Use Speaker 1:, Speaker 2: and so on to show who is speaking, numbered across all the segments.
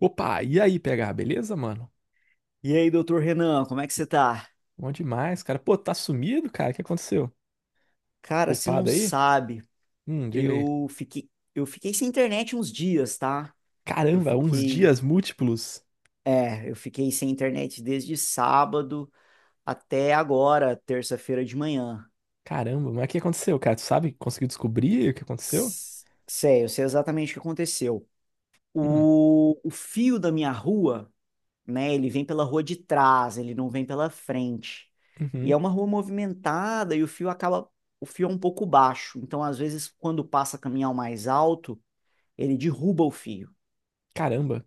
Speaker 1: Opa, e aí, PH, beleza, mano?
Speaker 2: E aí, doutor Renan, como é que você tá?
Speaker 1: Bom demais, cara. Pô, tá sumido, cara? O que aconteceu?
Speaker 2: Cara, você não
Speaker 1: Upado aí?
Speaker 2: sabe,
Speaker 1: Diga aí.
Speaker 2: eu fiquei, eu fiquei sem internet uns dias, tá? Eu
Speaker 1: Caramba, uns
Speaker 2: fiquei,
Speaker 1: dias múltiplos.
Speaker 2: eu fiquei sem internet desde sábado até agora, terça-feira de manhã.
Speaker 1: Caramba, mas o que aconteceu, cara? Tu sabe? Conseguiu descobrir o que aconteceu?
Speaker 2: Sei, eu sei exatamente o que aconteceu.
Speaker 1: Hum,
Speaker 2: O fio da minha rua, né, ele vem pela rua de trás, ele não vem pela frente. E é
Speaker 1: uhum.
Speaker 2: uma rua movimentada e o fio acaba, o fio é um pouco baixo, então às vezes quando passa caminhão mais alto, ele derruba o fio.
Speaker 1: Caramba.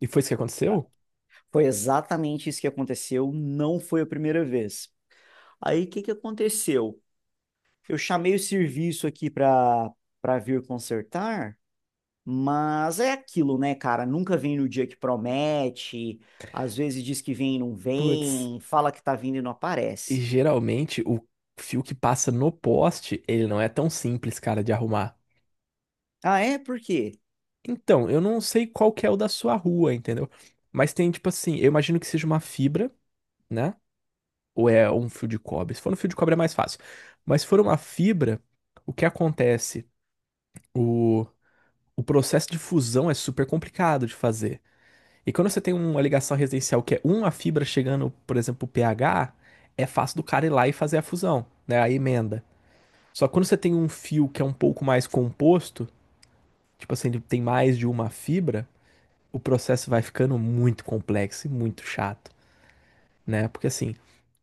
Speaker 1: E foi isso que aconteceu?
Speaker 2: Foi exatamente isso que aconteceu, não foi a primeira vez. Aí o que que aconteceu? Eu chamei o serviço aqui para vir consertar, mas é aquilo, né, cara? Nunca vem no dia que promete, às vezes diz que vem e não
Speaker 1: Putz,
Speaker 2: vem, fala que tá vindo e não
Speaker 1: e
Speaker 2: aparece.
Speaker 1: geralmente o fio que passa no poste, ele não é tão simples, cara, de arrumar.
Speaker 2: Ah, é? Por quê?
Speaker 1: Então, eu não sei qual que é o da sua rua, entendeu? Mas tem, tipo assim, eu imagino que seja uma fibra, né? Ou é um fio de cobre. Se for um fio de cobre é mais fácil. Mas se for uma fibra, o que acontece? O, o processo de fusão é super complicado de fazer. E quando você tem uma ligação residencial que é uma fibra chegando, por exemplo, pH, é fácil do cara ir lá e fazer a fusão, né? A emenda. Só que quando você tem um fio que é um pouco mais composto, tipo assim, ele tem mais de uma fibra, o processo vai ficando muito complexo e muito chato, né? Porque assim,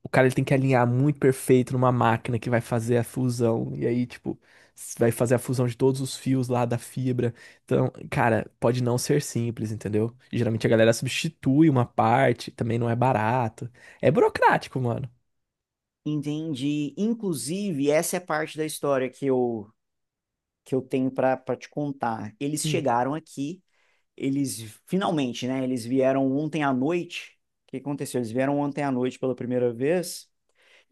Speaker 1: o cara ele tem que alinhar muito perfeito numa máquina que vai fazer a fusão. E aí, tipo, vai fazer a fusão de todos os fios lá da fibra. Então, cara, pode não ser simples, entendeu? E geralmente a galera substitui uma parte, também não é barato. É burocrático, mano.
Speaker 2: Entendi. Inclusive, essa é a parte da história que que eu tenho para te contar. Eles
Speaker 1: Hum,
Speaker 2: chegaram aqui, eles finalmente, né? Eles vieram ontem à noite. O que aconteceu? Eles vieram ontem à noite pela primeira vez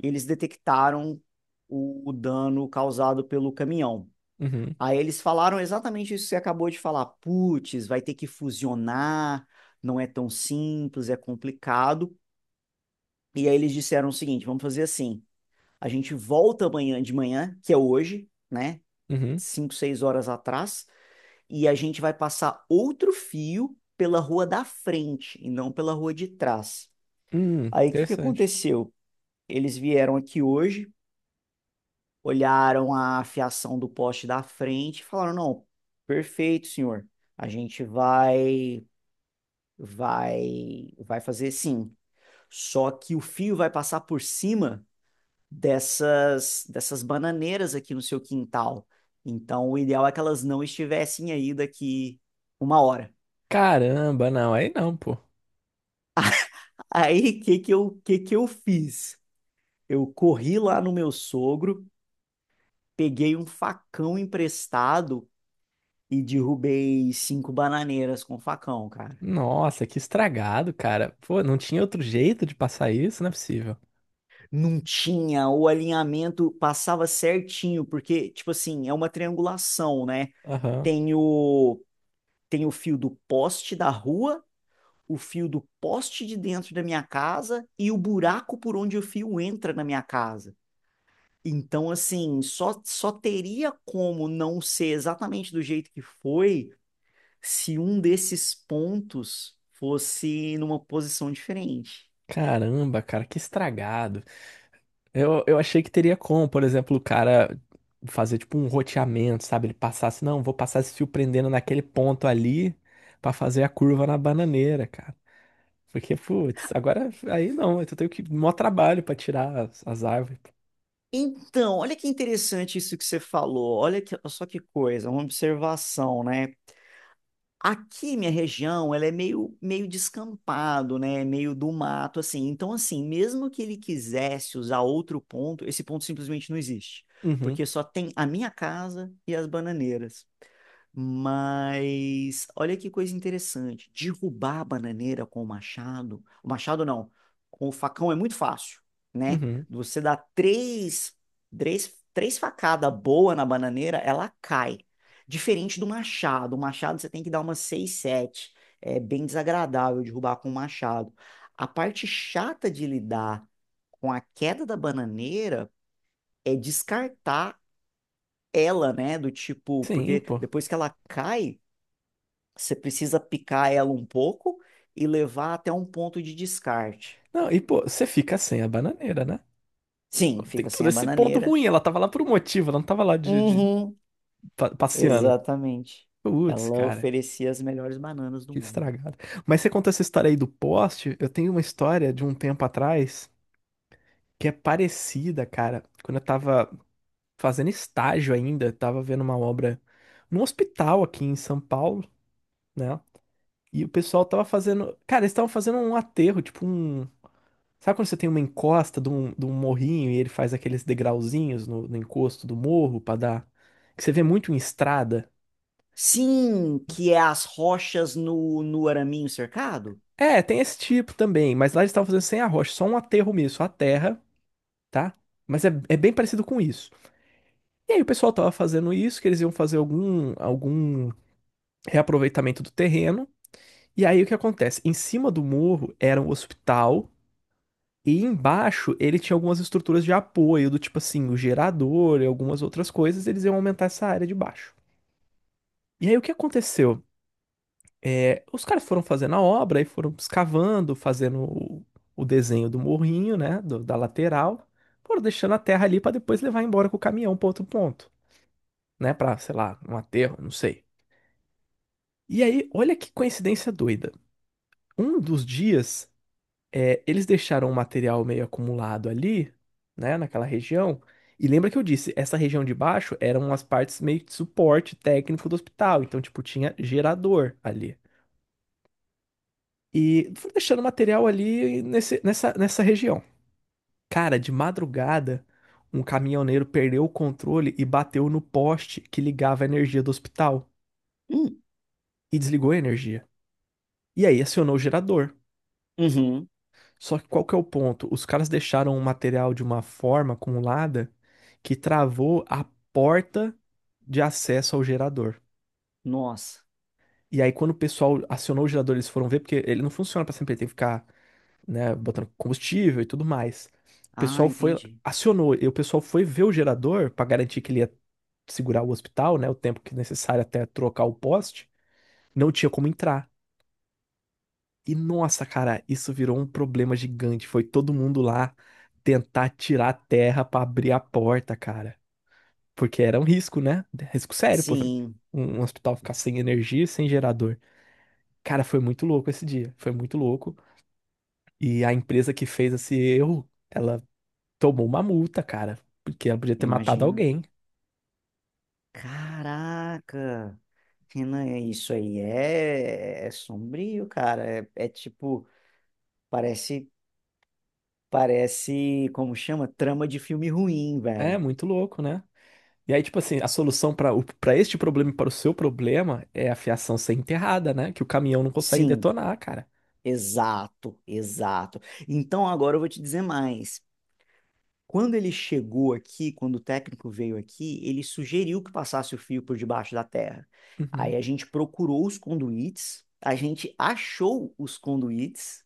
Speaker 2: e eles detectaram o dano causado pelo caminhão.
Speaker 1: uhum,
Speaker 2: Aí eles falaram exatamente isso que você acabou de falar. Putz, vai ter que fusionar, não é tão simples, é complicado. E aí eles disseram o seguinte: vamos fazer assim. A gente volta amanhã de manhã, que é hoje, né?
Speaker 1: uhum,
Speaker 2: 5, 6 horas atrás, e a gente vai passar outro fio pela rua da frente e não pela rua de trás. Aí o que que
Speaker 1: interessante.
Speaker 2: aconteceu? Eles vieram aqui hoje, olharam a fiação do poste da frente e falaram: "Não, perfeito, senhor. A gente vai vai fazer sim. Só que o fio vai passar por cima dessas bananeiras aqui no seu quintal. Então o ideal é que elas não estivessem aí daqui uma hora."
Speaker 1: Caramba, não, aí não, pô.
Speaker 2: Aí, o que que eu fiz? Eu corri lá no meu sogro, peguei um facão emprestado e derrubei cinco bananeiras com o facão, cara.
Speaker 1: Nossa, que estragado, cara. Pô, não tinha outro jeito de passar isso? Não é possível.
Speaker 2: Não tinha, o alinhamento passava certinho, porque, tipo assim, é uma triangulação, né?
Speaker 1: Aham.
Speaker 2: Tem o, Tem o fio do poste da rua, o fio do poste de dentro da minha casa e o buraco por onde o fio entra na minha casa. Então, assim, só teria como não ser exatamente do jeito que foi se um desses pontos fosse numa posição diferente.
Speaker 1: Caramba, cara, que estragado. Eu achei que teria como, por exemplo, o cara fazer tipo um roteamento, sabe? Ele passasse, não, vou passar esse fio prendendo naquele ponto ali pra fazer a curva na bananeira, cara. Porque, putz, agora aí não, eu tenho que mó trabalho pra tirar as árvores.
Speaker 2: Então, olha que interessante isso que você falou. Só que coisa, uma observação, né? Aqui, minha região, ela é meio descampado, né? Meio do mato, assim. Então, assim, mesmo que ele quisesse usar outro ponto, esse ponto simplesmente não existe.
Speaker 1: Uhum,
Speaker 2: Porque só tem a minha casa e as bananeiras. Mas olha que coisa interessante. Derrubar a bananeira com o machado. O machado não. Com o facão é muito fácil, né?
Speaker 1: uhum.
Speaker 2: Você dá três facadas boa na bananeira, ela cai. Diferente do machado. O machado você tem que dar umas seis, sete. É bem desagradável derrubar com o machado. A parte chata de lidar com a queda da bananeira é descartar ela, né? Do tipo,
Speaker 1: Sim,
Speaker 2: porque
Speaker 1: pô.
Speaker 2: depois que ela cai. Você precisa picar ela um pouco e levar até um ponto de descarte.
Speaker 1: Não, e pô, você fica sem a bananeira, né? Pô,
Speaker 2: Sim,
Speaker 1: tem
Speaker 2: fica sem
Speaker 1: todo
Speaker 2: a
Speaker 1: esse ponto
Speaker 2: bananeira.
Speaker 1: ruim, ela tava lá por um motivo, ela não tava lá
Speaker 2: Uhum,
Speaker 1: passeando.
Speaker 2: exatamente.
Speaker 1: Putz,
Speaker 2: Ela
Speaker 1: cara,
Speaker 2: oferecia as melhores bananas do
Speaker 1: que
Speaker 2: mundo.
Speaker 1: estragado. Mas você conta essa história aí do poste, eu tenho uma história de um tempo atrás que é parecida, cara. Quando eu tava fazendo estágio ainda, eu tava vendo uma obra num hospital aqui em São Paulo, né? E o pessoal tava fazendo. Cara, eles estavam fazendo um aterro, tipo um. Sabe quando você tem uma encosta de um morrinho e ele faz aqueles degrauzinhos no encosto do morro pra dar. Que você vê muito em estrada?
Speaker 2: Sim, que é as rochas no araminho cercado?
Speaker 1: É, tem esse tipo também, mas lá eles estavam fazendo sem arrocha, só um aterro mesmo, só a terra. Tá? Mas é, é bem parecido com isso. E aí o pessoal tava fazendo isso, que eles iam fazer algum reaproveitamento do terreno. E aí o que acontece? Em cima do morro era um hospital e embaixo ele tinha algumas estruturas de apoio, do tipo assim, o gerador e algumas outras coisas, eles iam aumentar essa área de baixo. E aí o que aconteceu? É, os caras foram fazendo a obra e foram escavando, fazendo o desenho do morrinho, né, da lateral, foram deixando a terra ali para depois levar embora com o caminhão para outro ponto. Né, pra, sei lá, um aterro, não sei. E aí, olha que coincidência doida. Um dos dias, é, eles deixaram o material meio acumulado ali, né, naquela região. E lembra que eu disse, essa região de baixo eram as partes meio de suporte técnico do hospital. Então, tipo, tinha gerador ali. E fui deixando material ali nessa região. Cara, de madrugada, um caminhoneiro perdeu o controle e bateu no poste que ligava a energia do hospital.
Speaker 2: Hum,
Speaker 1: E desligou a energia. E aí acionou o gerador.
Speaker 2: Uhum.
Speaker 1: Só que qual que é o ponto? Os caras deixaram o material de uma forma acumulada que travou a porta de acesso ao gerador.
Speaker 2: Nossa.
Speaker 1: E aí, quando o pessoal acionou o gerador, eles foram ver, porque ele não funciona para sempre, ele tem que ficar, né, botando combustível e tudo mais. O
Speaker 2: Ah,
Speaker 1: pessoal foi,
Speaker 2: entendi.
Speaker 1: acionou, e o pessoal foi ver o gerador para garantir que ele ia segurar o hospital, né, o tempo que necessário até trocar o poste. Não tinha como entrar. E nossa, cara, isso virou um problema gigante. Foi todo mundo lá tentar tirar a terra pra abrir a porta, cara. Porque era um risco, né? Risco sério, pô.
Speaker 2: Sim,
Speaker 1: Um hospital ficar sem energia, e sem gerador. Cara, foi muito louco esse dia. Foi muito louco. E a empresa que fez esse erro, ela tomou uma multa, cara. Porque ela podia ter matado
Speaker 2: imagino.
Speaker 1: alguém.
Speaker 2: Caraca. Renan, é isso aí é sombrio, cara. É tipo, parece Parece, como chama? Trama de filme ruim,
Speaker 1: É
Speaker 2: velho.
Speaker 1: muito louco, né? E aí, tipo assim, a solução para este problema e para o seu problema é a fiação ser enterrada, né? Que o caminhão não consegue
Speaker 2: Sim,
Speaker 1: detonar, cara.
Speaker 2: exato, exato. Então agora eu vou te dizer mais. Quando ele chegou aqui, quando o técnico veio aqui, ele sugeriu que passasse o fio por debaixo da terra.
Speaker 1: Uhum.
Speaker 2: Aí a gente procurou os conduítes, a gente achou os conduítes,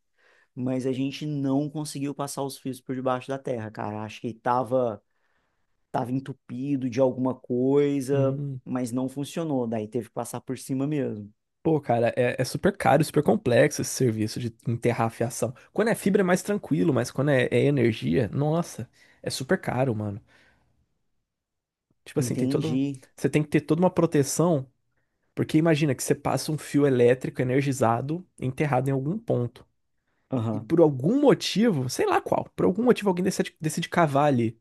Speaker 2: mas a gente não conseguiu passar os fios por debaixo da terra, cara. Acho que tava entupido de alguma coisa,
Speaker 1: Hum,
Speaker 2: mas não funcionou. Daí teve que passar por cima mesmo.
Speaker 1: pô, cara, é, é super caro, super complexo esse serviço de enterrar a fiação. Quando é fibra é mais tranquilo, mas quando é, é energia, nossa, é super caro, mano. Tipo assim, tem todo.
Speaker 2: Entendi.
Speaker 1: Você tem que ter toda uma proteção, porque imagina que você passa um fio elétrico energizado enterrado em algum ponto. E
Speaker 2: Aham.
Speaker 1: por algum motivo, sei lá qual, por algum motivo alguém decide cavar ali.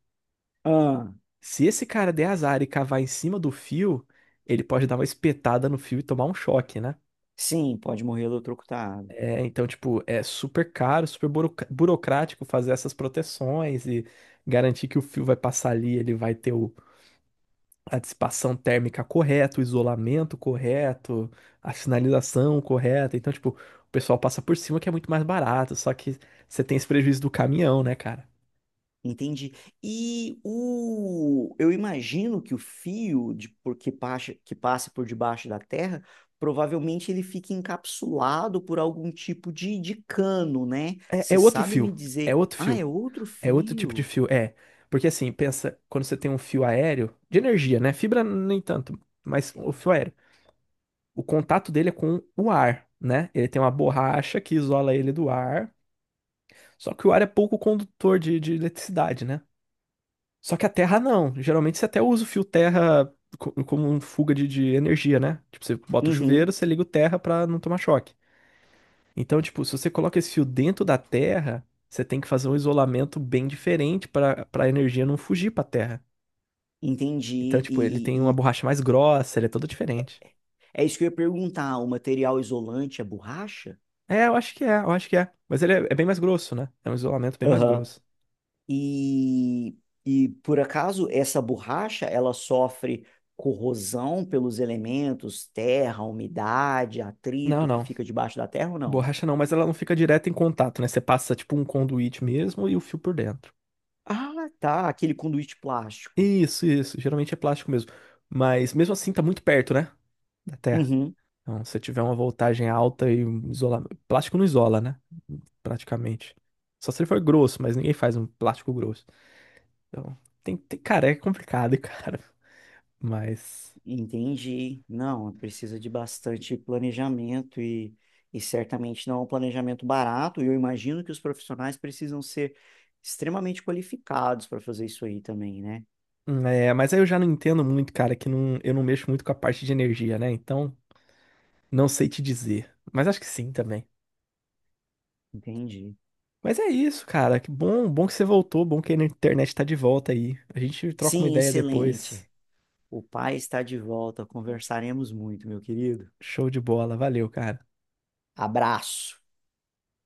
Speaker 2: Ah,
Speaker 1: Se esse cara der azar e cavar em cima do fio, ele pode dar uma espetada no fio e tomar um choque, né?
Speaker 2: sim, pode morrer eletrocutado.
Speaker 1: É, então, tipo, é super caro, super burocrático fazer essas proteções e garantir que o fio vai passar ali, ele vai ter a dissipação térmica correta, o isolamento correto, a sinalização correta. Então, tipo, o pessoal passa por cima que é muito mais barato, só que você tem esse prejuízo do caminhão, né, cara?
Speaker 2: Entendi. Eu imagino que o fio de, por- que passa por debaixo da terra, provavelmente ele fica encapsulado por algum tipo de cano, né?
Speaker 1: É,
Speaker 2: Você sabe me
Speaker 1: é
Speaker 2: dizer,
Speaker 1: outro
Speaker 2: ah, é
Speaker 1: fio,
Speaker 2: outro
Speaker 1: é outro tipo de
Speaker 2: fio?
Speaker 1: fio, é. Porque assim, pensa, quando você tem um fio aéreo, de energia, né? Fibra nem tanto, mas o fio aéreo. O contato dele é com o ar, né? Ele tem uma borracha que isola ele do ar. Só que o ar é pouco condutor de eletricidade, né? Só que a terra não. Geralmente você até usa o fio terra como um fuga de energia, né? Tipo, você bota o
Speaker 2: Uhum,
Speaker 1: chuveiro, você liga o terra pra não tomar choque. Então, tipo, se você coloca esse fio dentro da terra, você tem que fazer um isolamento bem diferente pra para a energia não fugir pra terra. Então,
Speaker 2: entendi.
Speaker 1: tipo, ele
Speaker 2: E,
Speaker 1: tem uma
Speaker 2: e
Speaker 1: borracha mais grossa, ele é todo diferente.
Speaker 2: é isso que eu ia perguntar, o material isolante é borracha?
Speaker 1: É, eu acho que é. Mas ele é, é bem mais grosso, né? É um isolamento bem mais grosso.
Speaker 2: E, e por acaso essa borracha ela sofre corrosão pelos elementos, terra, umidade,
Speaker 1: Não,
Speaker 2: atrito que
Speaker 1: não.
Speaker 2: fica debaixo da terra ou não?
Speaker 1: Borracha não, mas ela não fica direto em contato, né? Você passa tipo um conduíte mesmo e o fio por dentro.
Speaker 2: Ah, tá, aquele conduíte plástico.
Speaker 1: Isso, isso. Geralmente é plástico mesmo. Mas mesmo assim tá muito perto, né? Da Terra.
Speaker 2: Uhum,
Speaker 1: Então, se tiver uma voltagem alta e um isolamento. Plástico não isola, né? Praticamente. Só se ele for grosso, mas ninguém faz um plástico grosso. Então, tem... cara, é complicado, cara. Mas.
Speaker 2: entendi. Não, precisa de bastante planejamento e certamente não é um planejamento barato. E eu imagino que os profissionais precisam ser extremamente qualificados para fazer isso aí também, né?
Speaker 1: É, mas aí eu já não entendo muito, cara, que não, eu não mexo muito com a parte de energia, né? Então, não sei te dizer. Mas acho que sim também.
Speaker 2: Entendi.
Speaker 1: Mas é isso, cara. Que bom, bom que você voltou, bom que a internet tá de volta aí. A gente troca uma
Speaker 2: Sim,
Speaker 1: ideia depois.
Speaker 2: excelente. O pai está de volta. Conversaremos muito, meu querido.
Speaker 1: Show de bola. Valeu, cara.
Speaker 2: Abraço.